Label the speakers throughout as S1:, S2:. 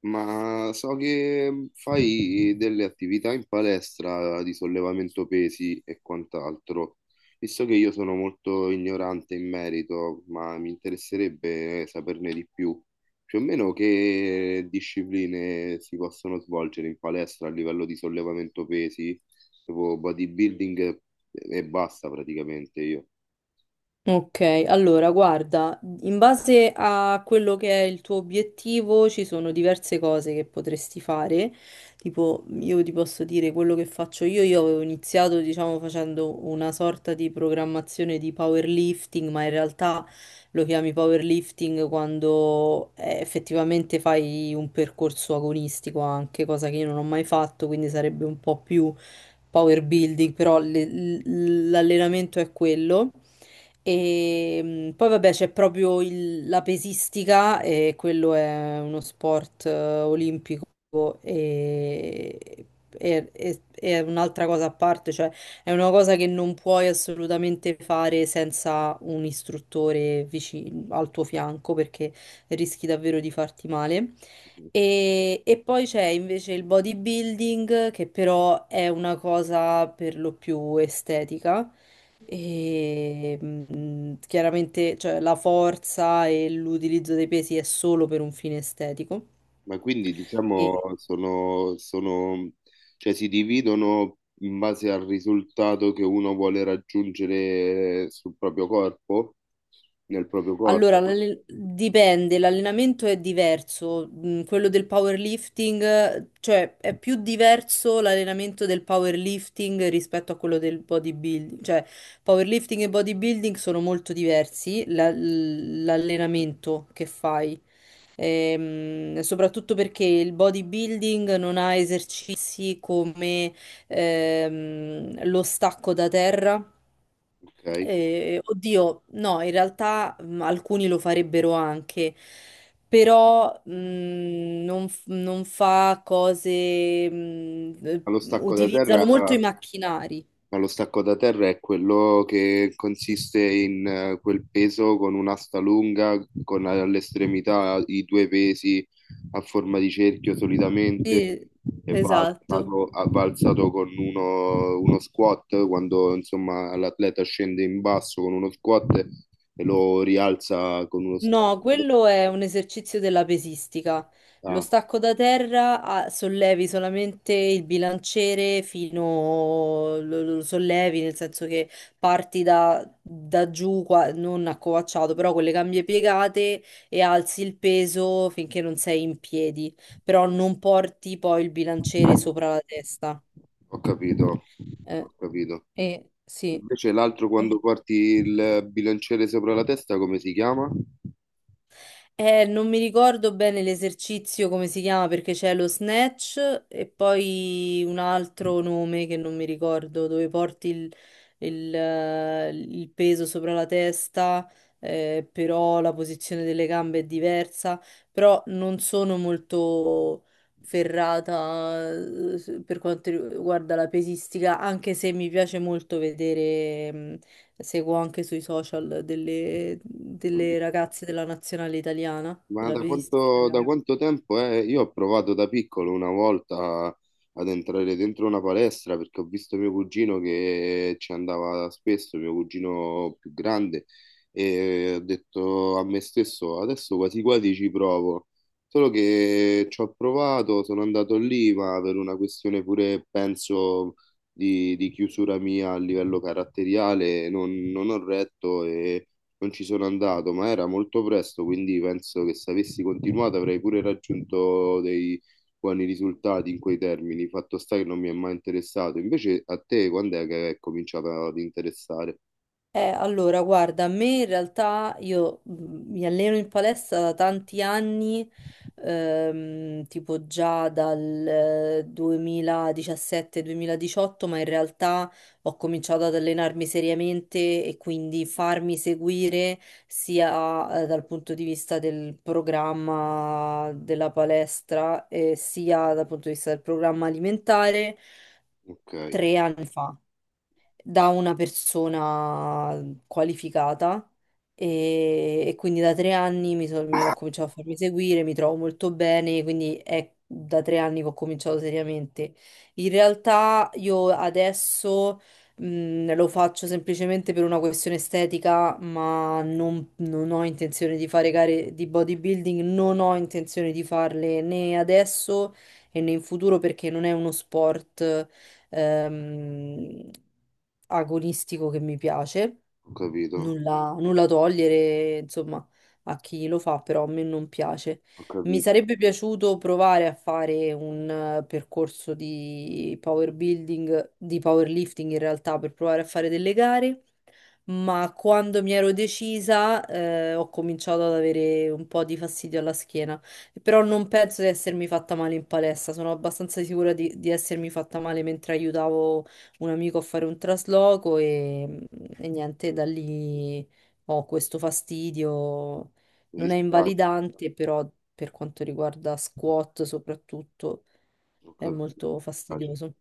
S1: Ma so che fai delle attività in palestra di sollevamento pesi e quant'altro. Visto che io sono molto ignorante in merito, ma mi interesserebbe saperne di più. Più o meno che discipline si possono svolgere in palestra a livello di sollevamento pesi, tipo bodybuilding e basta praticamente io.
S2: Ok, allora guarda, in base a quello che è il tuo obiettivo ci sono diverse cose che potresti fare, tipo io ti posso dire quello che faccio io, avevo iniziato diciamo facendo una sorta di programmazione di powerlifting, ma in realtà lo chiami powerlifting quando effettivamente fai un percorso agonistico anche, cosa che io non ho mai fatto, quindi sarebbe un po' più power building, però l'allenamento è quello. E poi vabbè c'è proprio la pesistica e quello è uno sport olimpico e, è un'altra cosa a parte, cioè è una cosa che non puoi assolutamente fare senza un istruttore vicino al tuo fianco perché rischi davvero di farti male. E poi c'è invece il bodybuilding, che però è una cosa per lo più estetica. E chiaramente, cioè, la forza e l'utilizzo dei pesi è solo per un fine estetico.
S1: Ma quindi
S2: E-
S1: diciamo cioè si dividono in base al risultato che uno vuole raggiungere sul proprio corpo, nel proprio corpo,
S2: Allora, dipende, l'allenamento è diverso, quello del powerlifting, cioè è più diverso l'allenamento del powerlifting rispetto a quello del bodybuilding, cioè powerlifting e bodybuilding sono molto diversi, l'allenamento che fai. Soprattutto perché il bodybuilding non ha esercizi come lo stacco da terra.
S1: ok?
S2: Oddio, no, in realtà alcuni lo farebbero anche, però non fa cose,
S1: Ma lo stacco da
S2: utilizzano
S1: terra.
S2: molto i macchinari.
S1: Ma lo stacco da terra è quello che consiste in quel peso con un'asta lunga, con all'estremità i due pesi a forma di cerchio solitamente
S2: Sì,
S1: e va
S2: esatto.
S1: alzato, va alzato con uno squat quando insomma l'atleta scende in basso con uno squat e lo rialza con uno stacco.
S2: No, quello è un esercizio della pesistica. Lo
S1: Ah,
S2: stacco da terra ah, sollevi solamente il bilanciere fino, lo sollevi nel senso che da giù, non accovacciato, però con le cambie piegate e alzi il peso finché non sei in piedi, però non porti poi il bilanciere sopra la testa.
S1: ho capito,
S2: Eh,
S1: ho capito.
S2: sì.
S1: Invece l'altro quando
S2: eh.
S1: porti il bilanciere sopra la testa, come si chiama?
S2: Non mi ricordo bene l'esercizio come si chiama perché c'è lo snatch e poi un altro nome che non mi ricordo, dove porti il peso sopra la testa, però la posizione delle gambe è diversa, però non sono molto ferrata per quanto riguarda la pesistica, anche se mi piace molto vedere, seguo anche sui social delle ragazze della nazionale italiana,
S1: Ma
S2: della
S1: da
S2: pesistica
S1: da
S2: italiana.
S1: quanto tempo è? Io ho provato da piccolo una volta ad entrare dentro una palestra perché ho visto mio cugino che ci andava spesso, mio cugino più grande, e ho detto a me stesso, adesso quasi quasi ci provo. Solo che ci ho provato, sono andato lì, ma per una questione pure, penso, di chiusura mia a livello caratteriale, non ho retto e non ci sono andato, ma era molto presto, quindi penso che se avessi continuato avrei pure raggiunto dei buoni risultati in quei termini. Fatto sta che non mi è mai interessato. Invece a te quando è che è cominciato ad interessare?
S2: Allora, guarda, a me in realtà mi alleno in palestra da tanti anni, tipo già dal 2017-2018, ma in realtà ho cominciato ad allenarmi seriamente e quindi farmi seguire sia, dal punto di vista del programma della palestra, sia dal punto di vista del programma alimentare
S1: Ok,
S2: 3 anni fa da una persona qualificata e quindi da 3 anni mi ho cominciato a farmi seguire, mi trovo molto bene, quindi è da 3 anni che ho cominciato seriamente. In realtà io adesso lo faccio semplicemente per una questione estetica, ma non ho intenzione di fare gare di bodybuilding, non ho intenzione di farle né adesso e né in futuro perché non è uno sport ehm, agonistico che mi piace,
S1: ho capito,
S2: nulla togliere, insomma, a chi lo fa, però a me non piace.
S1: ho
S2: Mi
S1: capito.
S2: sarebbe piaciuto provare a fare un percorso di power building, di powerlifting in realtà, per provare a fare delle gare, ma quando mi ero decisa, ho cominciato ad avere un po' di fastidio alla schiena. Però non penso di essermi fatta male in palestra, sono abbastanza sicura di essermi fatta male mentre aiutavo un amico a fare un trasloco e niente, da lì ho questo fastidio.
S1: Mi
S2: Non è
S1: dispiace,
S2: invalidante, però per quanto riguarda squat soprattutto
S1: ho
S2: è
S1: capito. Mi
S2: molto
S1: dispiace.
S2: fastidioso.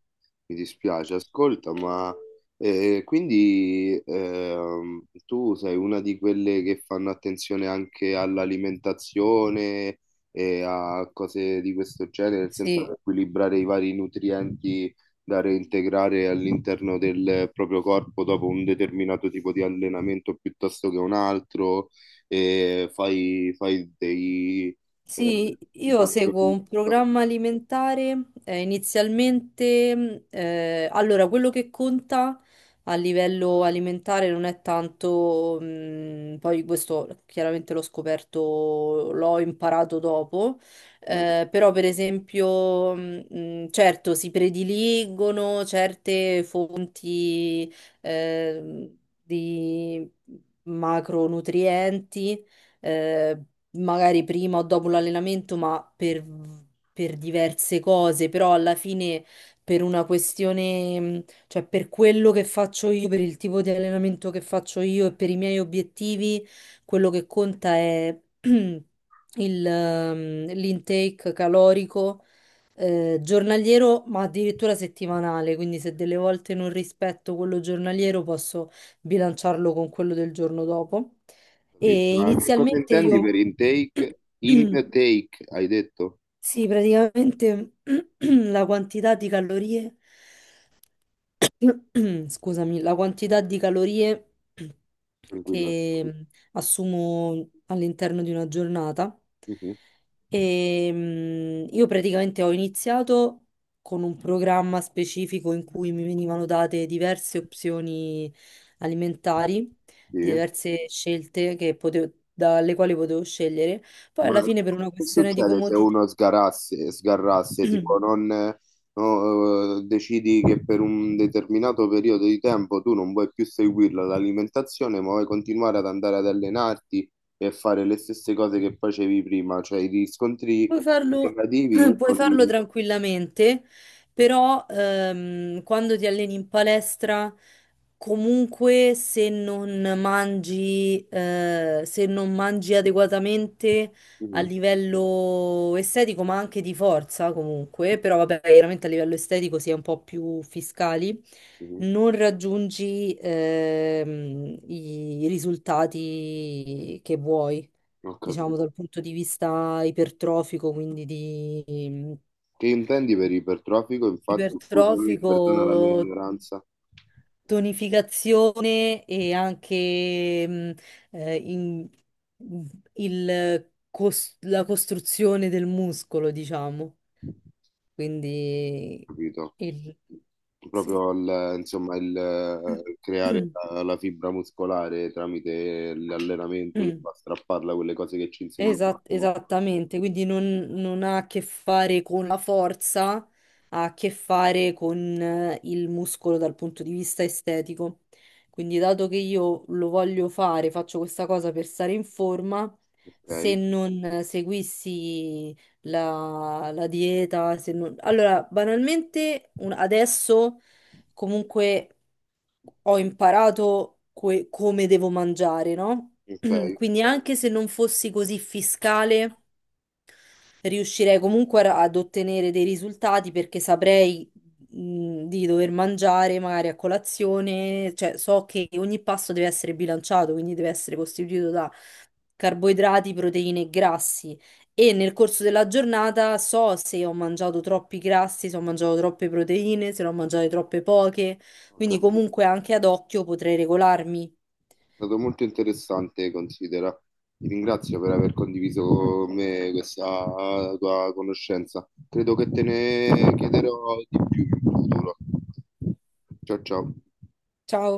S1: Mi dispiace, ascolta, ma quindi tu sei una di quelle che fanno attenzione anche all'alimentazione e a cose di questo genere, nel senso ad
S2: Sì,
S1: equilibrare i vari nutrienti da reintegrare all'interno del proprio corpo dopo un determinato tipo di allenamento piuttosto che un altro, e fai dei... eh,
S2: sì,
S1: dei
S2: io seguo
S1: calcoli.
S2: un programma alimentare, inizialmente, allora quello che conta a livello alimentare non è tanto, poi questo chiaramente l'ho scoperto, l'ho imparato dopo, però per esempio, certo si prediligono certe fonti, di macronutrienti eh, magari prima o dopo l'allenamento, per diverse cose, però alla fine per una questione, cioè per quello che faccio io, per il tipo di allenamento che faccio io e per i miei obiettivi, quello che conta è l'intake calorico. Giornaliero, ma addirittura settimanale, quindi se delle volte non rispetto quello giornaliero, posso bilanciarlo con quello del giorno dopo. E
S1: Ma che cosa
S2: inizialmente
S1: intendi
S2: io,
S1: per intake? Intake, hai detto?
S2: sì, praticamente la quantità di calorie. Scusami, la quantità di calorie
S1: Tranquillo.
S2: che assumo all'interno di una giornata.
S1: Mhm.
S2: Io praticamente ho iniziato con un programma specifico in cui mi venivano date diverse opzioni alimentari,
S1: Sì.
S2: diverse scelte che dalle quali potevo scegliere. Poi
S1: Ma
S2: alla fine per una
S1: che
S2: questione di
S1: succede se
S2: comodità.
S1: uno sgarrasse, tipo non, no, decidi che per un determinato periodo di tempo tu non vuoi più seguirla l'alimentazione, ma vuoi continuare ad andare ad allenarti e fare le stesse cose che facevi prima, cioè i riscontri
S2: Puoi farlo,
S1: negativi
S2: puoi
S1: uno
S2: farlo
S1: li...
S2: tranquillamente, però quando ti alleni in palestra, comunque se non mangi, se non mangi adeguatamente a
S1: Mhm.
S2: livello estetico, ma anche di forza comunque, però vabbè, chiaramente a livello estetico si è un po' più fiscali,
S1: Mhm.
S2: non raggiungi i risultati che vuoi
S1: Ho
S2: diciamo
S1: capito.
S2: dal punto di vista ipertrofico,
S1: Che intendi per ipertrofico? Infatti, scusami,
S2: ipertrofico,
S1: perdona la mia ignoranza,
S2: tonificazione e anche eh, in- la costruzione del muscolo, diciamo. Quindi
S1: capito?
S2: il... sì.
S1: Proprio insomma, il creare la fibra muscolare tramite l'allenamento che va a strapparla, quelle cose che ci insegnano.
S2: Esattamente, quindi non ha a che fare con la forza, ha a che fare con il muscolo dal punto di vista estetico. Quindi, dato che io lo voglio fare, faccio questa cosa per stare in forma, se
S1: Ok,
S2: non seguissi la dieta, se non... Allora, banalmente, adesso comunque ho imparato come devo mangiare, no?
S1: ok,
S2: Quindi anche se non fossi così fiscale, riuscirei comunque ad ottenere dei risultati perché saprei di dover mangiare magari a colazione, cioè so che ogni pasto deve essere bilanciato, quindi deve essere costituito da carboidrati, proteine e grassi. E nel corso della giornata so se ho mangiato troppi grassi, se ho mangiato troppe proteine, se ne ho mangiate troppe poche.
S1: ho
S2: Quindi
S1: capito.
S2: comunque anche ad occhio potrei regolarmi.
S1: È stato molto interessante, considera. Ti ringrazio per aver condiviso con me questa tua conoscenza. Credo che te ne chiederò di più in futuro. Ciao ciao.
S2: Ciao.